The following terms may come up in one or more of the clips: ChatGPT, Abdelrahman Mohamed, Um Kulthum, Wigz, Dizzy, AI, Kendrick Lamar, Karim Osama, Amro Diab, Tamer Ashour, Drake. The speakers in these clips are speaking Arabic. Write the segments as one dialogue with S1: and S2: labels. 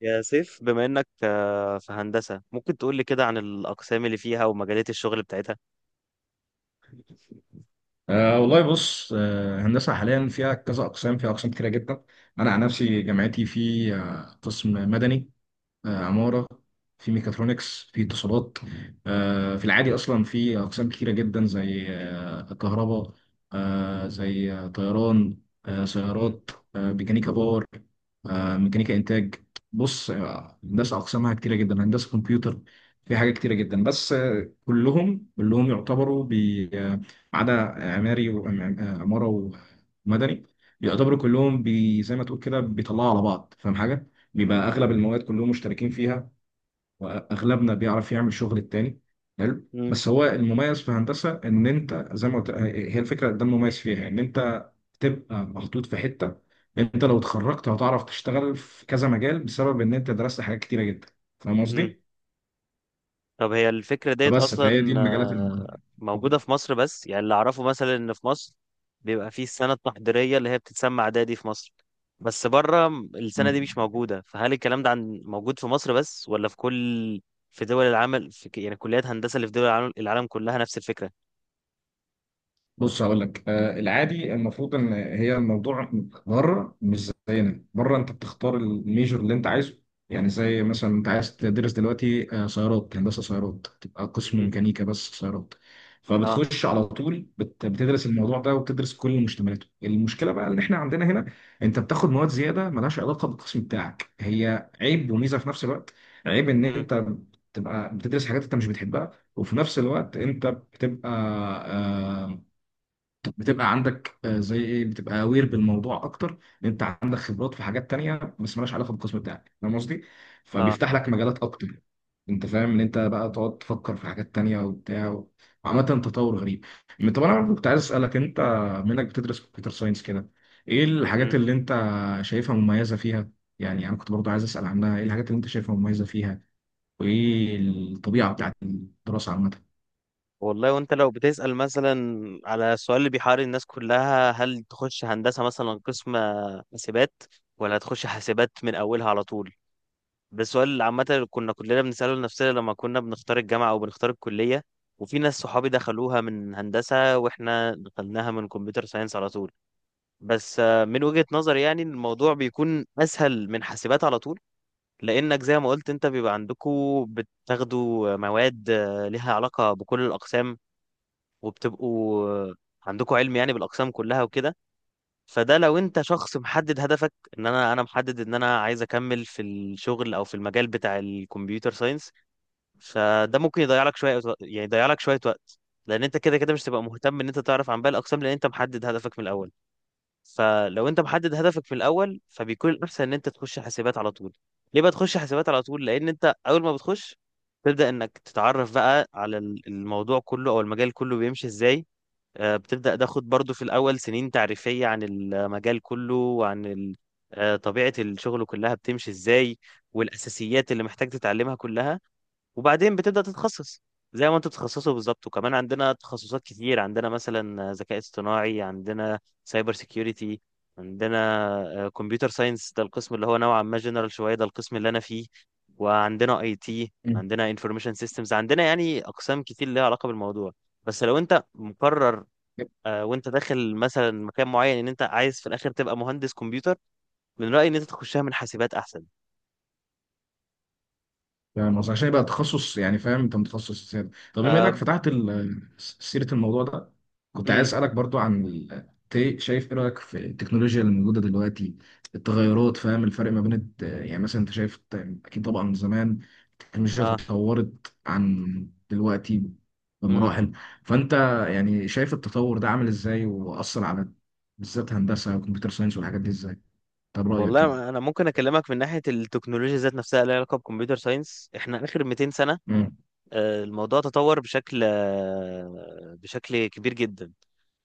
S1: يا سيف، بما انك في هندسة ممكن تقول لي كده عن الأقسام اللي فيها ومجالات الشغل بتاعتها؟
S2: والله بص هندسة حاليا فيها كذا أقسام فيها أقسام كتيرة جدا. أنا عن نفسي جامعتي في قسم مدني، عمارة، في ميكاترونكس، في اتصالات. في العادي أصلا في أقسام كتيرة جدا، زي كهرباء، زي طيران،
S1: مم.
S2: سيارات، ميكانيكا باور، ميكانيكا إنتاج. بص، هندسة أقسامها كتيرة جدا، هندسة كمبيوتر، في حاجات كتيرة جدا. بس كلهم يعتبروا ما عدا عماري، وعمارة، ومدني، يعتبروا كلهم بي، زي ما تقول كده بيطلعوا على بعض. فاهم حاجة؟ بيبقى اغلب المواد كلهم مشتركين فيها، واغلبنا بيعرف يعمل شغل التاني. حلو،
S1: مم.
S2: بس هو المميز في هندسه ان انت زي ما قلت، هي الفكره ده المميز فيها، ان انت تبقى محطوط في حته. انت لو اتخرجت هتعرف تشتغل في كذا مجال، بسبب ان انت درست حاجات كتيره جدا. فاهم
S1: مم.
S2: قصدي؟
S1: طب هي الفكرة ديت
S2: فبس فهي دي
S1: أصلا
S2: المجالات
S1: موجودة في مصر، بس يعني اللي أعرفه مثلا إن في مصر بيبقى فيه السنة التحضيرية اللي هي بتتسمى إعدادي في مصر، بس بره السنة
S2: المهمه.
S1: دي مش موجودة. فهل الكلام ده عن موجود في مصر بس ولا في كل في دول العمل في يعني كليات هندسة اللي في دول العالم كلها نفس الفكرة؟
S2: بص هقول لك، آه، العادي المفروض ان هي الموضوع بره مش زينا، بره انت بتختار الميجور اللي انت عايزه. يعني زي مثلا انت عايز تدرس دلوقتي آه، سيارات، هندسه سيارات، تبقى قسم
S1: مم.
S2: ميكانيكا بس سيارات،
S1: اه.
S2: فبتخش على طول بتدرس الموضوع ده، وبتدرس كل مشتملاته. المشكله بقى ان احنا عندنا هنا انت بتاخد مواد زياده ملهاش علاقه بالقسم بتاعك، هي عيب وميزه في نفس الوقت. عيب ان
S1: مم.
S2: انت تبقى بتدرس حاجات انت مش بتحبها، وفي نفس الوقت انت بتبقى، آه، بتبقى عندك زي ايه، بتبقى اوير بالموضوع اكتر، لان انت عندك خبرات في حاجات تانية بس مالهاش علاقه بالقسم بتاعك. فاهم قصدي؟
S1: اه.
S2: فبيفتح لك مجالات اكتر. انت فاهم ان انت بقى تقعد تفكر في حاجات تانية وبتاع، وعامة تطور غريب. طب انا برضه كنت عايز اسالك، انت منك بتدرس كمبيوتر ساينس كده، ايه الحاجات
S1: مم.
S2: اللي انت شايفها مميزه فيها؟ يعني انا كنت برضه عايز اسال عنها، ايه الحاجات اللي انت شايفها مميزه فيها، وايه الطبيعه بتاعت الدراسه عامه؟
S1: والله، وانت لو بتسأل مثلا على السؤال اللي بيحير الناس كلها، هل تخش هندسة مثلا قسم حاسبات ولا تخش حاسبات من أولها على طول؟ ده السؤال اللي عامة اللي كنا كلنا بنسأله لنفسنا لما كنا بنختار الجامعة أو بنختار الكلية. وفي ناس صحابي دخلوها من هندسة، واحنا دخلناها من كمبيوتر ساينس على طول. بس من وجهة نظري يعني الموضوع بيكون أسهل من حاسبات على طول، لأنك زي ما قلت انت بيبقى عندكوا بتاخدوا مواد ليها علاقة بكل الأقسام، وبتبقوا عندكم علم يعني بالاقسام كلها وكده. فده لو انت شخص محدد هدفك، ان انا محدد ان انا عايز اكمل في الشغل او في المجال بتاع الكمبيوتر ساينس، فده ممكن يضيع لك شويه يعني يضيع لك شويه وقت، لان انت كده كده مش تبقى مهتم ان انت تعرف عن باقي الاقسام لان انت محدد هدفك من الاول. فلو انت محدد هدفك من الاول فبيكون الاحسن ان انت تخش حاسبات على طول. ليه بقى تخش حاسبات على طول؟ لان انت اول ما بتخش تبدا انك تتعرف بقى على الموضوع كله او المجال كله بيمشي ازاي. بتبدأ تاخد برضو في الأول سنين تعريفية عن المجال كله وعن طبيعة الشغل كلها بتمشي إزاي، والأساسيات اللي محتاج تتعلمها كلها، وبعدين بتبدأ تتخصص زي ما انتوا بتتخصصوا بالظبط. وكمان عندنا تخصصات كتير، عندنا مثلا ذكاء اصطناعي، عندنا سايبر سيكيورتي، عندنا كمبيوتر ساينس ده القسم اللي هو نوعا ما جنرال شوية ده القسم اللي أنا فيه، وعندنا اي تي،
S2: مم.
S1: عندنا انفورميشن سيستمز، عندنا يعني أقسام كتير ليها علاقة بالموضوع. بس لو انت مقرر، وانت داخل مثلا مكان معين ان انت عايز في الاخر تبقى مهندس كمبيوتر، من رأيي ان انت تخشها من حاسبات احسن.
S2: فاهم قصدي؟ عشان يبقى تخصص يعني، فاهم انت متخصص سيادة. طب بما
S1: آه.
S2: انك فتحت سيرة الموضوع ده، كنت عايز
S1: امم.
S2: اسألك برضو عن شايف ايه رأيك في التكنولوجيا اللي موجودة دلوقتي، التغيرات، فاهم الفرق ما بين يعني مثلا انت شايف اكيد طبعا زمان التكنولوجيا
S1: اه.
S2: اتطورت عن دلوقتي
S1: امم.
S2: بمراحل. فانت يعني شايف التطور ده عامل ازاي، واثر على بالذات هندسة وكمبيوتر ساينس والحاجات دي ازاي؟ طب رأيك كده؟
S1: والله، انا ممكن اكلمك من ناحيه التكنولوجيا ذات نفسها اللي لها علاقه بكمبيوتر ساينس. احنا اخر 200 سنه الموضوع تطور بشكل كبير جدا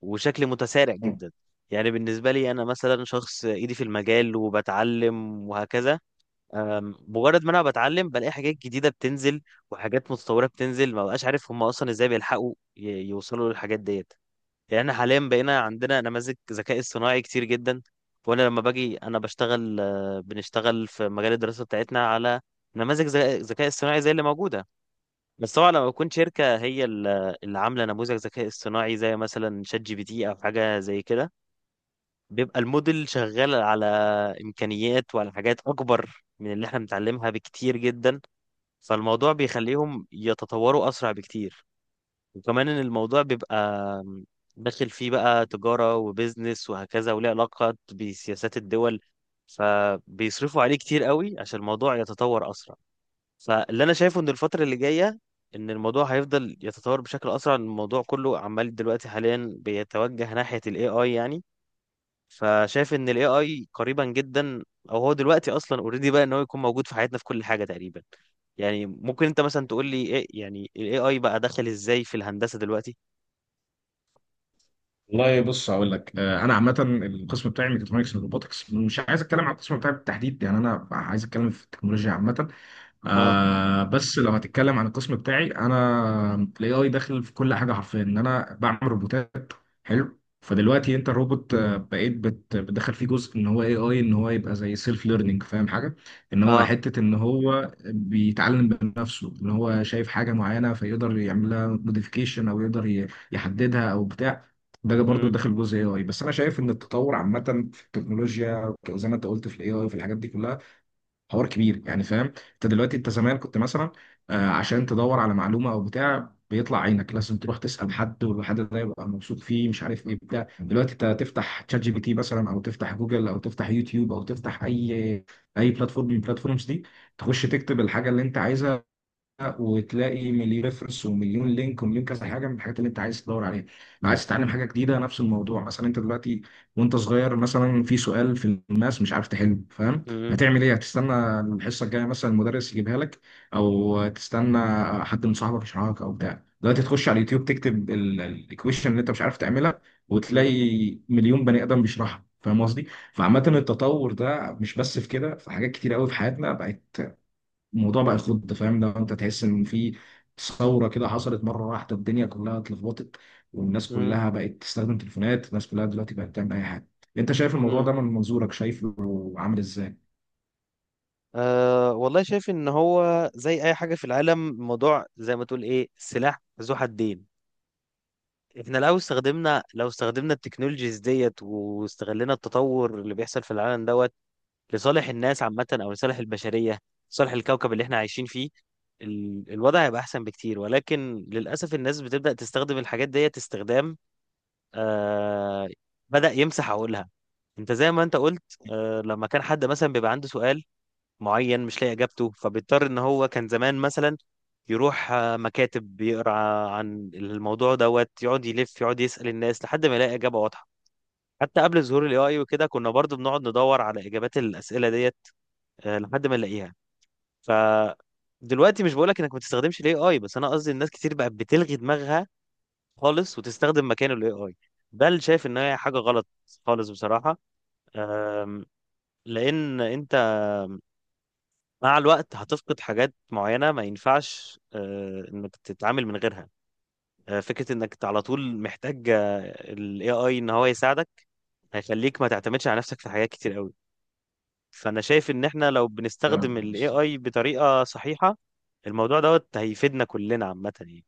S1: وشكل متسارع
S2: مم.
S1: جدا. يعني بالنسبه لي انا مثلا شخص ايدي في المجال وبتعلم وهكذا. مجرد ما انا بتعلم بلاقي حاجات جديده بتنزل وحاجات متطوره بتنزل، ما بقاش عارف هم اصلا ازاي بيلحقوا يوصلوا للحاجات ديت. يعني احنا حاليا بقينا عندنا نماذج ذكاء اصطناعي كتير جدا. وانا لما باجي انا بشتغل آه، بنشتغل في مجال الدراسه بتاعتنا على نماذج ذكاء اصطناعي زي اللي موجوده. بس طبعا لما تكون شركه هي اللي عامله نموذج ذكاء اصطناعي زي مثلا شات جي بي تي او حاجه زي كده، بيبقى الموديل شغال على إمكانيات وعلى حاجات أكبر من اللي احنا بنتعلمها بكتير جدا. فالموضوع بيخليهم يتطوروا أسرع بكتير. وكمان إن الموضوع بيبقى داخل فيه بقى تجارة وبيزنس وهكذا، وليه علاقة بسياسات الدول، فبيصرفوا عليه كتير قوي عشان الموضوع يتطور أسرع. فاللي أنا شايفه إن الفترة اللي جاية إن الموضوع هيفضل يتطور بشكل أسرع. الموضوع كله عمال دلوقتي حاليا بيتوجه ناحية ال AI يعني. فشايف ان الاي اي قريبا جدا، او هو دلوقتي اصلا اوريدي بقى ان هو يكون موجود في حياتنا في كل حاجه تقريبا. يعني ممكن انت مثلا تقول لي ايه يعني الاي اي بقى دخل ازاي في الهندسه دلوقتي؟
S2: والله بص هقول لك، انا عامه القسم بتاعي ميكاترونكس اند روبوتكس، مش عايز اتكلم عن القسم بتاعي بالتحديد، يعني انا عايز اتكلم في التكنولوجيا عامه.
S1: اه.
S2: بس لو هتتكلم عن القسم بتاعي، انا الاي اي داخل في كل حاجه حرفيا، ان انا بعمل روبوتات. حلو، فدلوقتي انت الروبوت، بقيت بتدخل فيه جزء ان هو اي اي، ان هو يبقى زي سيلف ليرنينج. فاهم حاجه؟ ان هو
S1: اه.
S2: حته ان هو بيتعلم بنفسه، ان هو شايف حاجه معينه فيقدر يعمل لها موديفيكيشن، او يقدر يحددها او بتاع. ده برضه
S1: امم.
S2: داخل جزء اي اي. بس انا شايف ان التطور عامه في التكنولوجيا، زي ما انت قلت في الاي اي وفي الحاجات دي كلها، حوار كبير يعني. فاهم انت دلوقتي، انت زمان كنت مثلا عشان تدور على معلومه او بتاع بيطلع عينك، لازم تروح تسال حد، والحد ده يبقى موثوق فيه، مش عارف ايه بتاع. دلوقتي انت تفتح تشات جي بي تي مثلا، او تفتح جوجل، او تفتح يوتيوب، او تفتح اي اي بلاتفورم من البلاتفورمز دي، تخش تكتب الحاجه اللي انت عايزها، وتلاقي مليون ريفرنس ومليون لينك ومليون كذا حاجه من الحاجات اللي انت عايز تدور عليها. لو عايز تتعلم حاجه جديده، نفس الموضوع. مثلا انت دلوقتي وانت صغير، مثلا في سؤال في الماس مش عارف تحله، فاهم،
S1: امم.
S2: هتعمل ايه؟ هتستنى الحصه الجايه مثلا المدرس يجيبها لك، او تستنى حد من صاحبك يشرحها لك او بتاع. دلوقتي تخش على اليوتيوب، تكتب الايكويشن اللي انت مش عارف تعملها،
S1: امم.
S2: وتلاقي مليون بني ادم بيشرحها. فاهم قصدي؟ فعامة
S1: امم.
S2: التطور ده مش بس في كده، في حاجات كتير قوي في حياتنا بقت. الموضوع بقى يخض. فاهم لو انت تحس ان في ثوره كده حصلت مره واحده، الدنيا كلها اتلخبطت، والناس
S1: امم.
S2: كلها بقت تستخدم تليفونات، الناس كلها دلوقتي بقت تعمل اي حاجه. انت شايف الموضوع
S1: امم.
S2: ده من منظورك، شايفه عامل ازاي؟
S1: أه، والله شايف ان هو زي اي حاجه في العالم الموضوع زي ما تقول ايه سلاح ذو حدين. احنا لو استخدمنا التكنولوجيز ديت واستغلنا التطور اللي بيحصل في العالم دوت لصالح الناس عامة أو لصالح البشرية، لصالح الكوكب اللي احنا عايشين فيه، الوضع هيبقى أحسن بكتير. ولكن للأسف الناس بتبدأ تستخدم الحاجات ديت استخدام آه بدأ يمسح عقولها. أنت زي ما أنت قلت، لما كان حد مثلا بيبقى عنده سؤال معين مش لاقي إجابته، فبيضطر إن هو كان زمان مثلا يروح مكاتب، بيقرا عن الموضوع دوت، يقعد يلف يقعد يسأل الناس لحد ما يلاقي إجابة واضحة. حتى قبل ظهور الاي اي وكده كنا برضو بنقعد ندور على اجابات الاسئله ديت لحد ما نلاقيها. ف دلوقتي مش بقولك انك ما تستخدمش الاي اي، بس انا قصدي الناس كتير بقت بتلغي دماغها خالص وتستخدم مكانه الاي اي. ده اللي شايف ان هي حاجه غلط خالص بصراحه. آم، لان انت مع الوقت هتفقد حاجات معينه ما ينفعش انك تتعامل من غيرها. فكره انك على طول محتاج الاي اي ان هو يساعدك هيخليك ما تعتمدش على نفسك في حاجات كتير قوي. فانا شايف ان احنا لو
S2: آه.
S1: بنستخدم الاي اي بطريقه صحيحه الموضوع دوت هيفيدنا كلنا عامة يعني،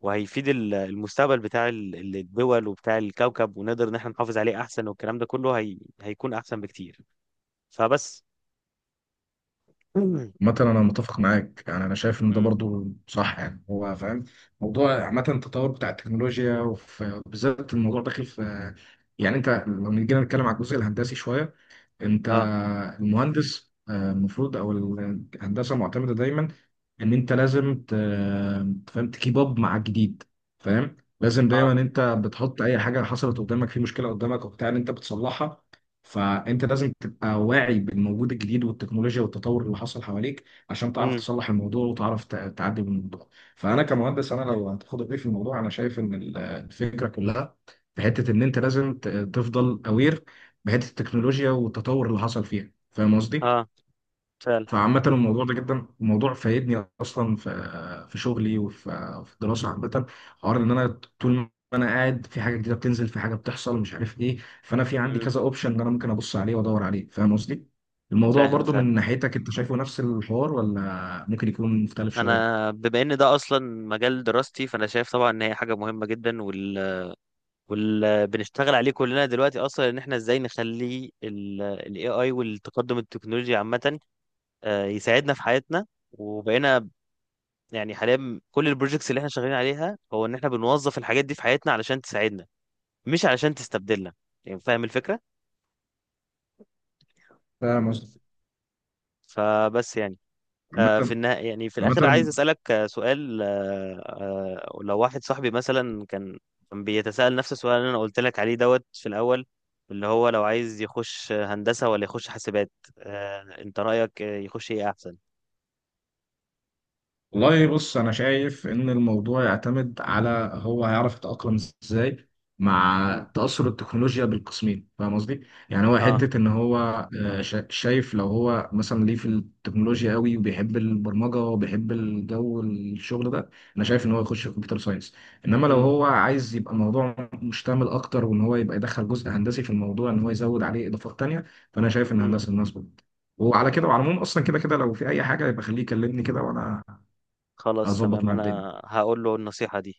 S1: وهيفيد المستقبل بتاع الدول وبتاع الكوكب، ونقدر ان احنا نحافظ عليه احسن، والكلام ده كله هيكون احسن بكتير. فبس.
S2: مثلا انا متفق معاك، يعني انا شايف ان ده
S1: مم.
S2: برضو صح. يعني هو فاهم، موضوع عامه التطور بتاع التكنولوجيا، وبالذات الموضوع داخل في، يعني انت لو جينا نتكلم على الجزء الهندسي شويه، انت
S1: اه.
S2: المهندس، المفروض او الهندسه معتمده دايما ان انت لازم تفهم تكيب اب مع الجديد. فاهم، لازم دايما
S1: اه.
S2: انت بتحط اي حاجه حصلت قدامك، في مشكله قدامك وبتاع، ان انت بتصلحها. فانت لازم تبقى واعي بالموجود الجديد والتكنولوجيا والتطور اللي حصل حواليك، عشان تعرف
S1: مم.
S2: تصلح الموضوع وتعرف تعدي من الموضوع. فانا كمهندس، انا لو هتاخد رأيي في الموضوع، انا شايف ان الفكره كلها في حته ان انت لازم تفضل اوير بحته التكنولوجيا والتطور اللي حصل فيها. فاهم قصدي؟
S1: اه، فعلا.
S2: فعامة الموضوع ده جدا، الموضوع فايدني اصلا في في شغلي، وفي في الدراسه عامة، حوار ان انا طول ما انا قاعد، في حاجه جديده بتنزل، في حاجه بتحصل مش عارف ايه، فانا في عندي
S1: مم.
S2: كذا اوبشن ان انا ممكن ابص عليه وادور عليه. فاهم قصدي؟ الموضوع
S1: فاهم،
S2: برضو
S1: فعلا.
S2: من ناحيتك انت شايفه نفس الحوار، ولا ممكن يكون مختلف شويه؟
S1: انا بما ان ده اصلا مجال دراستي فانا شايف طبعا ان هي حاجة مهمة جدا، بنشتغل عليه كلنا دلوقتي اصلا ان احنا ازاي نخلي ال AI والتقدم التكنولوجي عامة يساعدنا في حياتنا. وبقينا يعني حاليا كل البروجكتس اللي احنا شغالين عليها هو ان احنا بنوظف الحاجات دي في حياتنا علشان تساعدنا، مش علشان تستبدلنا. يعني فاهم الفكرة؟
S2: فاهم قصدي؟
S1: فبس يعني. في
S2: عامة
S1: النهاية يعني في الاخر عايز
S2: عامة
S1: اسالك سؤال. لو واحد صاحبي مثلا كان بيتساءل نفس السؤال اللي انا قلت لك عليه دوت في الاول، اللي هو لو عايز يخش هندسة ولا يخش حاسبات، انت رأيك يخش ايه احسن؟
S2: والله بص، انا شايف ان الموضوع يعتمد على هو هيعرف يتاقلم ازاي
S1: مم.
S2: مع تاثر التكنولوجيا بالقسمين. فاهم قصدي، يعني هو
S1: اه.
S2: حته ان هو شايف لو هو مثلا ليه في التكنولوجيا قوي وبيحب البرمجه وبيحب الجو الشغل ده، انا شايف ان هو يخش في كمبيوتر ساينس. انما لو
S1: امم.
S2: هو عايز يبقى الموضوع مشتمل اكتر، وان هو يبقى يدخل جزء هندسي في الموضوع، ان هو يزود عليه اضافات تانيه، فانا شايف ان هندسه الناس. وعلى كده وعلى العموم، اصلا كده كده لو في اي حاجه يبقى خليه يكلمني كده، وانا
S1: خلاص،
S2: اظبط
S1: تمام،
S2: مع الدنيا.
S1: انا هقول له النصيحة دي.